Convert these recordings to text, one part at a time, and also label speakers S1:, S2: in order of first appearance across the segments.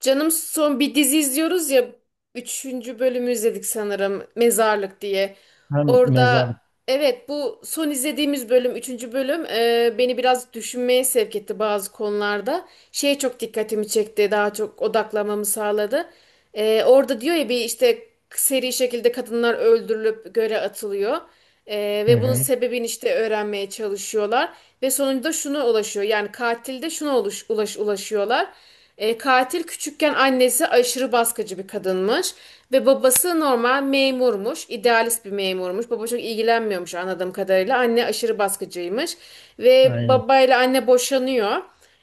S1: Canım son bir dizi izliyoruz ya. Üçüncü bölümü izledik sanırım. Mezarlık diye.
S2: Hem
S1: Orada
S2: mezar.
S1: evet, bu son izlediğimiz bölüm, üçüncü bölüm, beni biraz düşünmeye sevk etti bazı konularda. Şeye çok dikkatimi çekti. Daha çok odaklamamı sağladı. Orada diyor ya bir işte seri şekilde kadınlar öldürülüp göle atılıyor.
S2: Hı
S1: Ve bunun
S2: hı.
S1: sebebini işte öğrenmeye çalışıyorlar. Ve sonunda şuna ulaşıyor. Yani katilde şuna ulaşıyorlar. Katil küçükken annesi aşırı baskıcı bir kadınmış. Ve babası normal memurmuş. İdealist bir memurmuş. Baba çok ilgilenmiyormuş anladığım kadarıyla. Anne aşırı baskıcıymış. Ve
S2: Aynen.
S1: babayla anne boşanıyor.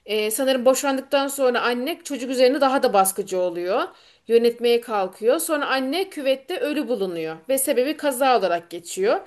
S1: Sanırım boşandıktan sonra anne çocuk üzerine daha da baskıcı oluyor. Yönetmeye kalkıyor. Sonra anne küvette ölü bulunuyor. Ve sebebi kaza olarak geçiyor.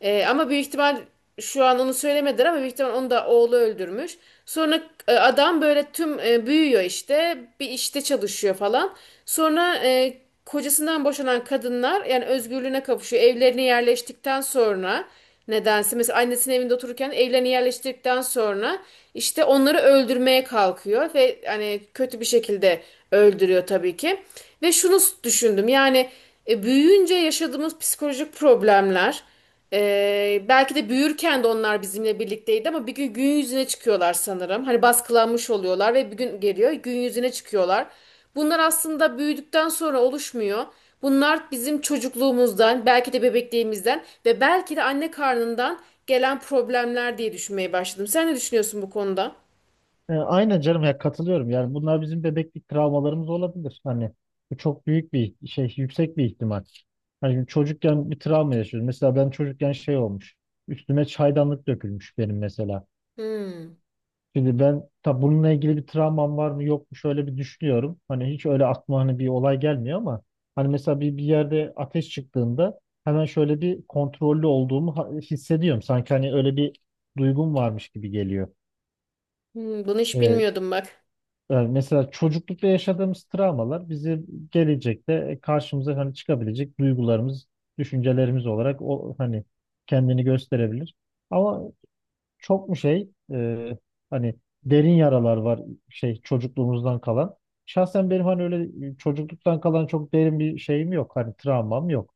S1: Ama büyük ihtimal şu an onu söylemediler, ama büyük ihtimal onu da oğlu öldürmüş. Sonra adam böyle tüm büyüyor, işte bir işte çalışıyor falan. Sonra kocasından boşanan kadınlar yani özgürlüğüne kavuşuyor. Evlerine yerleştikten sonra nedense mesela annesinin evinde otururken evlerine yerleştirdikten sonra işte onları öldürmeye kalkıyor ve hani kötü bir şekilde öldürüyor tabii ki. Ve şunu düşündüm, yani büyüyünce yaşadığımız psikolojik problemler belki de büyürken de onlar bizimle birlikteydi, ama bir gün yüzüne çıkıyorlar sanırım. Hani baskılanmış oluyorlar ve bir gün geliyor gün yüzüne çıkıyorlar. Bunlar aslında büyüdükten sonra oluşmuyor. Bunlar bizim çocukluğumuzdan, belki de bebekliğimizden ve belki de anne karnından gelen problemler diye düşünmeye başladım. Sen ne düşünüyorsun bu konuda?
S2: Aynen canım ya, katılıyorum. Yani bunlar bizim bebeklik travmalarımız olabilir. Hani bu çok büyük bir şey, yüksek bir ihtimal. Hani çocukken bir travma yaşıyoruz. Mesela ben çocukken şey olmuş. Üstüme çaydanlık dökülmüş benim mesela.
S1: Hmm,
S2: Şimdi ben tabi bununla ilgili bir travmam var mı yok mu şöyle bir düşünüyorum. Hani hiç öyle aklıma hani bir olay gelmiyor ama hani mesela bir yerde ateş çıktığında hemen şöyle bir kontrollü olduğumu hissediyorum. Sanki hani öyle bir duygum varmış gibi geliyor.
S1: bunu hiç
S2: Ee,
S1: bilmiyordum bak.
S2: Yani mesela çocuklukta yaşadığımız travmalar bizi gelecekte karşımıza hani çıkabilecek duygularımız, düşüncelerimiz olarak o hani kendini gösterebilir. Ama çok mu hani derin yaralar var şey çocukluğumuzdan kalan. Şahsen benim hani öyle çocukluktan kalan çok derin bir şeyim yok. Hani travmam yok,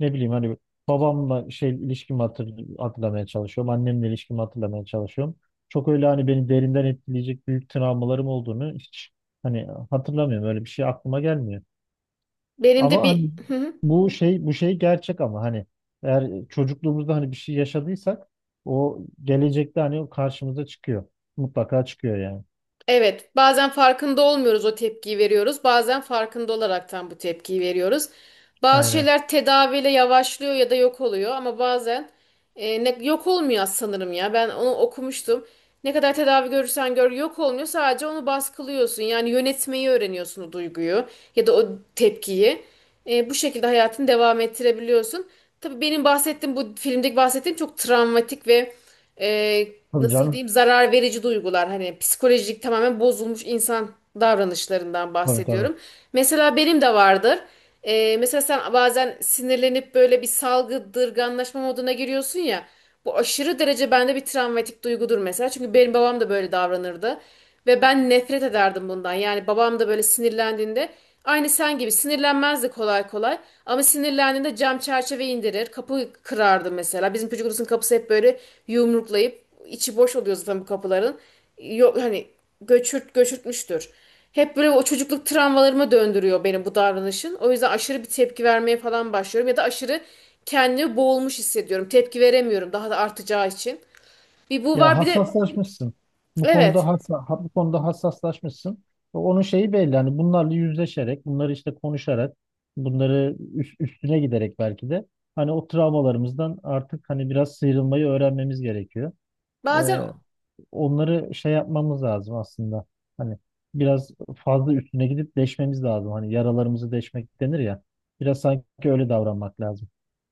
S2: ne bileyim hani babamla şey ilişkimi hatırlamaya çalışıyorum. Annemle ilişkimi hatırlamaya çalışıyorum. Çok öyle hani beni derinden etkileyecek büyük travmalarım olduğunu hiç hani hatırlamıyorum. Öyle bir şey aklıma gelmiyor.
S1: Benim de
S2: Ama hani
S1: bir...
S2: bu şey gerçek ama hani eğer çocukluğumuzda hani bir şey yaşadıysak o gelecekte hani o karşımıza çıkıyor. Mutlaka çıkıyor yani.
S1: Evet, bazen farkında olmuyoruz o tepkiyi veriyoruz. Bazen farkında olaraktan bu tepkiyi veriyoruz. Bazı
S2: Aynen.
S1: şeyler tedaviyle yavaşlıyor ya da yok oluyor, ama bazen yok olmuyor sanırım ya. Ben onu okumuştum. Ne kadar tedavi görürsen gör yok olmuyor. Sadece onu baskılıyorsun. Yani yönetmeyi öğreniyorsun o duyguyu ya da o tepkiyi. Bu şekilde hayatını devam ettirebiliyorsun. Tabii benim bahsettiğim bu filmdeki bahsettiğim çok travmatik ve e,
S2: Tabii
S1: nasıl
S2: canım.
S1: diyeyim zarar verici duygular, hani psikolojik tamamen bozulmuş insan davranışlarından
S2: Tabii tabii.
S1: bahsediyorum. Mesela benim de vardır. Mesela sen bazen sinirlenip böyle bir salgıdırganlaşma moduna giriyorsun ya. Bu aşırı derece bende bir travmatik duygudur mesela. Çünkü benim babam da böyle davranırdı. Ve ben nefret ederdim bundan. Yani babam da böyle sinirlendiğinde aynı sen gibi sinirlenmezdi kolay kolay. Ama sinirlendiğinde cam çerçeve indirir, kapı kırardı mesela. Bizim çocuk odasının kapısı hep böyle yumruklayıp içi boş oluyor zaten bu kapıların. Yok hani göçürt göçürtmüştür. Hep böyle o çocukluk travmalarıma döndürüyor beni bu davranışın. O yüzden aşırı bir tepki vermeye falan başlıyorum ya da aşırı kendimi boğulmuş hissediyorum. Tepki veremiyorum daha da artacağı için. Bir bu
S2: Ya,
S1: var bir de
S2: hassaslaşmışsın.
S1: evet.
S2: Bu konuda hassaslaşmışsın. Onun şeyi belli. Hani bunlarla yüzleşerek, bunları işte konuşarak, bunları üstüne giderek belki de hani o travmalarımızdan artık hani biraz sıyrılmayı öğrenmemiz gerekiyor.
S1: Bazen
S2: Ee, Onları şey yapmamız lazım aslında. Hani biraz fazla üstüne gidip deşmemiz lazım. Hani yaralarımızı deşmek denir ya. Biraz sanki öyle davranmak lazım.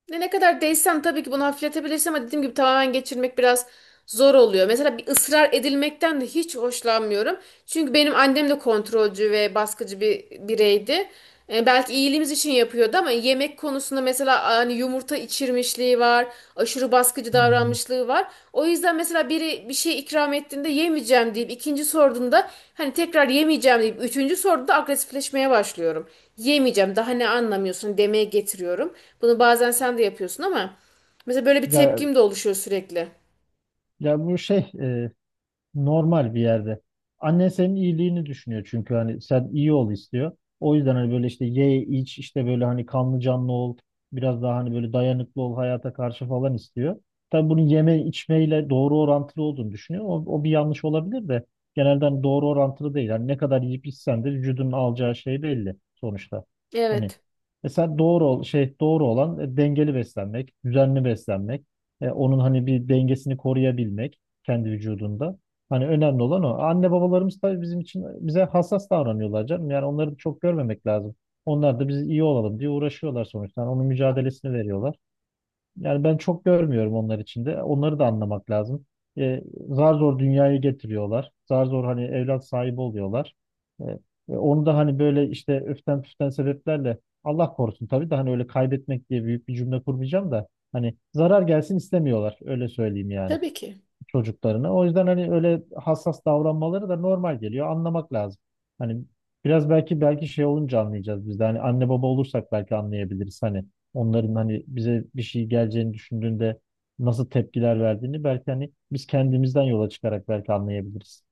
S1: ne kadar değsem tabii ki bunu hafifletebilirsin, ama dediğim gibi tamamen geçirmek biraz zor oluyor. Mesela bir ısrar edilmekten de hiç hoşlanmıyorum. Çünkü benim annem de kontrolcü ve baskıcı bir bireydi. Belki iyiliğimiz için yapıyordu, ama yemek konusunda mesela hani yumurta içir pişirmişliği var, aşırı baskıcı
S2: Hmm.
S1: davranmışlığı var. O yüzden mesela biri bir şey ikram ettiğinde yemeyeceğim deyip ikinci sorduğunda hani tekrar yemeyeceğim deyip üçüncü sorduğunda agresifleşmeye başlıyorum. Yemeyeceğim, daha ne anlamıyorsun demeye getiriyorum. Bunu bazen sen de yapıyorsun, ama mesela böyle bir
S2: Ya,
S1: tepkim de oluşuyor sürekli.
S2: Ya bu şey normal bir yerde. Annen senin iyiliğini düşünüyor, çünkü hani sen iyi ol istiyor. O yüzden hani böyle işte ye iç, işte böyle hani kanlı canlı ol. Biraz daha hani böyle dayanıklı ol hayata karşı falan istiyor. Tabii bunun yeme içmeyle doğru orantılı olduğunu düşünüyor. O bir yanlış olabilir de genelde hani doğru orantılı değil. Hani ne kadar yiyip içsen de vücudun alacağı şey belli sonuçta. Hani
S1: Evet.
S2: mesela şey doğru olan dengeli beslenmek, düzenli beslenmek, onun hani bir dengesini koruyabilmek kendi vücudunda. Hani önemli olan o. Anne babalarımız tabii bizim için bize hassas davranıyorlar canım. Yani onları da çok görmemek lazım. Onlar da biz iyi olalım diye uğraşıyorlar sonuçta. Yani onun mücadelesini veriyorlar. Yani ben çok görmüyorum onlar için de. Onları da anlamak lazım. E, Zar zor dünyaya getiriyorlar. Zar zor hani evlat sahibi oluyorlar. E, Onu da hani böyle işte öften püften sebeplerle, Allah korusun tabii de hani öyle kaybetmek diye büyük bir cümle kurmayacağım da hani zarar gelsin istemiyorlar. Öyle söyleyeyim yani,
S1: Tabii ki.
S2: çocuklarına. O yüzden hani öyle hassas davranmaları da normal geliyor. Anlamak lazım. Hani biraz belki şey olunca anlayacağız biz de. Hani anne baba olursak belki anlayabiliriz. Hani onların hani bize bir şey geleceğini düşündüğünde nasıl tepkiler verdiğini belki hani biz kendimizden yola çıkarak belki anlayabiliriz.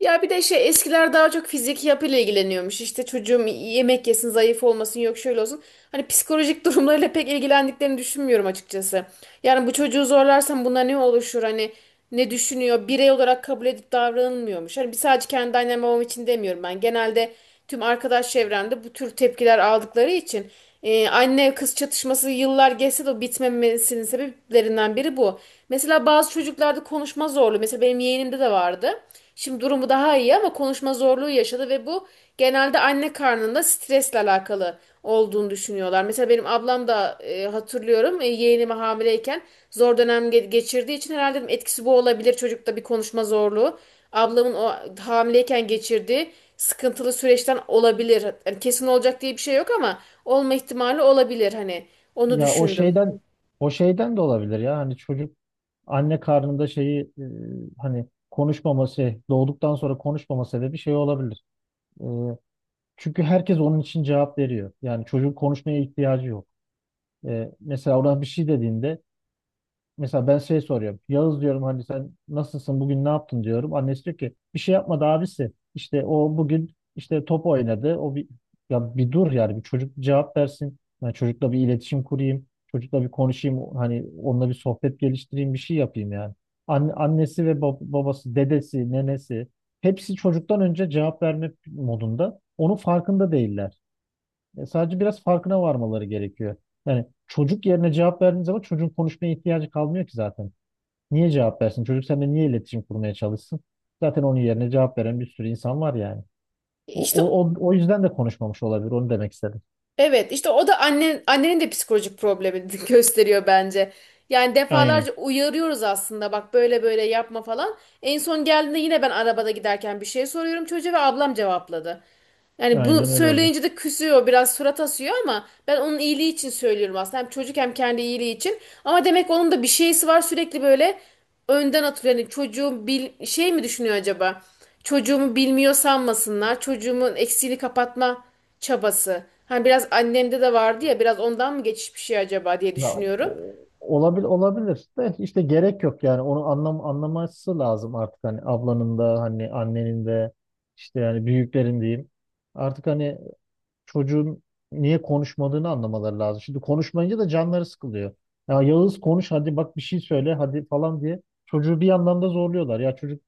S1: Ya bir de şey, eskiler daha çok fiziki yapıyla ilgileniyormuş. İşte çocuğum yemek yesin, zayıf olmasın, yok şöyle olsun. Hani psikolojik durumlarıyla pek ilgilendiklerini düşünmüyorum açıkçası. Yani bu çocuğu zorlarsam buna ne oluşur? Hani ne düşünüyor? Birey olarak kabul edip davranılmıyormuş. Hani bir sadece kendi annem babam için demiyorum ben. Genelde tüm arkadaş çevremde bu tür tepkiler aldıkları için anne kız çatışması yıllar geçse de bitmemesinin sebeplerinden biri bu. Mesela bazı çocuklarda konuşma zorluğu, mesela benim yeğenimde de vardı. Şimdi durumu daha iyi, ama konuşma zorluğu yaşadı ve bu genelde anne karnında stresle alakalı olduğunu düşünüyorlar. Mesela benim ablam da hatırlıyorum yeğenimi hamileyken zor dönem geçirdiği için herhalde dedim etkisi bu olabilir çocukta bir konuşma zorluğu. Ablamın o hamileyken geçirdiği sıkıntılı süreçten olabilir. Yani kesin olacak diye bir şey yok, ama olma ihtimali olabilir hani. Onu
S2: Ya
S1: düşündüm.
S2: o şeyden de olabilir ya. Hani çocuk anne karnında hani konuşmaması, doğduktan sonra konuşmama sebebi şey olabilir. Çünkü herkes onun için cevap veriyor. Yani çocuğun konuşmaya ihtiyacı yok. Mesela ona bir şey dediğinde mesela ben şey soruyorum. Yağız diyorum, hani sen nasılsın, bugün ne yaptın diyorum. Annesi diyor ki bir şey yapmadı abisi. İşte o bugün işte top oynadı. O bir Ya bir dur yani, bir çocuk cevap versin. Yani çocukla bir iletişim kurayım. Çocukla bir konuşayım. Hani onunla bir sohbet geliştireyim, bir şey yapayım yani. Annesi ve babası, dedesi, nenesi, hepsi çocuktan önce cevap verme modunda. Onun farkında değiller. Sadece biraz farkına varmaları gerekiyor. Yani çocuk yerine cevap verdiğin zaman çocuğun konuşmaya ihtiyacı kalmıyor ki zaten. Niye cevap versin? Çocuk seninle niye iletişim kurmaya çalışsın? Zaten onun yerine cevap veren bir sürü insan var yani. O,
S1: İşte
S2: o, o, o yüzden de konuşmamış olabilir. Onu demek istedim.
S1: evet, işte o da annenin de psikolojik problemi gösteriyor bence. Yani
S2: Aynen.
S1: defalarca uyarıyoruz aslında bak, böyle böyle yapma falan. En son geldiğinde yine ben arabada giderken bir şey soruyorum çocuğa ve ablam cevapladı. Yani bu
S2: Aynen öyle oluyor.
S1: söyleyince de küsüyor, biraz surat asıyor, ama ben onun iyiliği için söylüyorum aslında. Hem çocuk hem kendi iyiliği için. Ama demek onun da bir şeysi var, sürekli böyle önden atıyor. Yani çocuğum bil şey mi düşünüyor acaba? Çocuğumu bilmiyor sanmasınlar. Çocuğumun eksiğini kapatma çabası. Hani biraz annemde de vardı ya, biraz ondan mı geçiş bir şey acaba diye
S2: Ya,
S1: düşünüyorum.
S2: olabilir, olabilir de işte gerek yok yani, onu anlaması lazım artık, hani ablanın da hani annenin de işte yani büyüklerin diyeyim. Artık hani çocuğun niye konuşmadığını anlamaları lazım. Şimdi konuşmayınca da canları sıkılıyor. Ya Yağız konuş hadi, bak bir şey söyle hadi falan diye çocuğu bir yandan da zorluyorlar. Ya çocuk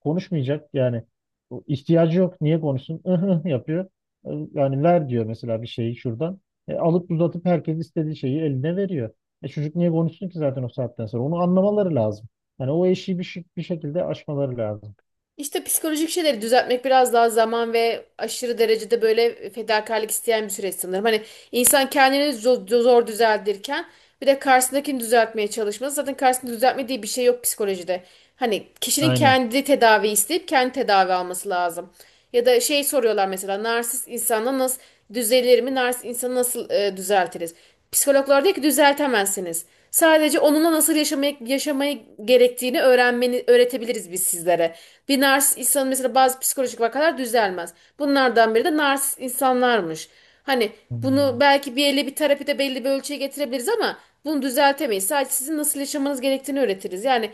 S2: konuşmayacak yani. O ihtiyacı yok, niye konuşsun? Ihı yapıyor. Yani ver diyor mesela bir şeyi şuradan. Alıp uzatıp herkes istediği şeyi eline veriyor. Çocuk niye konuşsun ki zaten, o saatten sonra onu anlamaları lazım. Yani o eşiği bir şekilde aşmaları lazım.
S1: İşte psikolojik şeyleri düzeltmek biraz daha zaman ve aşırı derecede böyle fedakarlık isteyen bir süreç sanırım. Hani insan kendini zor düzeltirken bir de karşısındakini düzeltmeye çalışması. Zaten karşısında düzeltmediği bir şey yok psikolojide. Hani kişinin
S2: Aynen.
S1: kendi tedavi isteyip kendi tedavi alması lazım. Ya da şey soruyorlar mesela narsist insanla nasıl düzelir mi? Narsist insanı nasıl düzeltiriz? Psikologlar diyor ki düzeltemezsiniz. Sadece onunla nasıl yaşamayı gerektiğini öğrenmeni öğretebiliriz biz sizlere. Bir narsist insanın mesela bazı psikolojik vakalar düzelmez. Bunlardan biri de narsist insanlarmış. Hani bunu
S2: Hmm.
S1: belki bir elle bir terapide belli bir ölçüye getirebiliriz, ama bunu düzeltemeyiz. Sadece sizin nasıl yaşamanız gerektiğini öğretiriz. Yani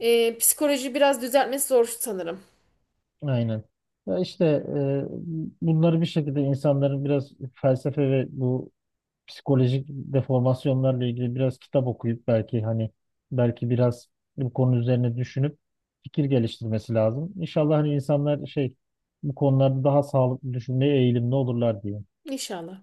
S1: psikoloji biraz düzeltmesi zor sanırım.
S2: Aynen. Ya işte e, Bunları bir şekilde insanların biraz felsefe ve bu psikolojik deformasyonlarla ilgili biraz kitap okuyup belki hani belki biraz bu konu üzerine düşünüp fikir geliştirmesi lazım. İnşallah hani insanlar şey bu konularda daha sağlıklı düşünmeye eğilimli olurlar diye.
S1: İnşallah.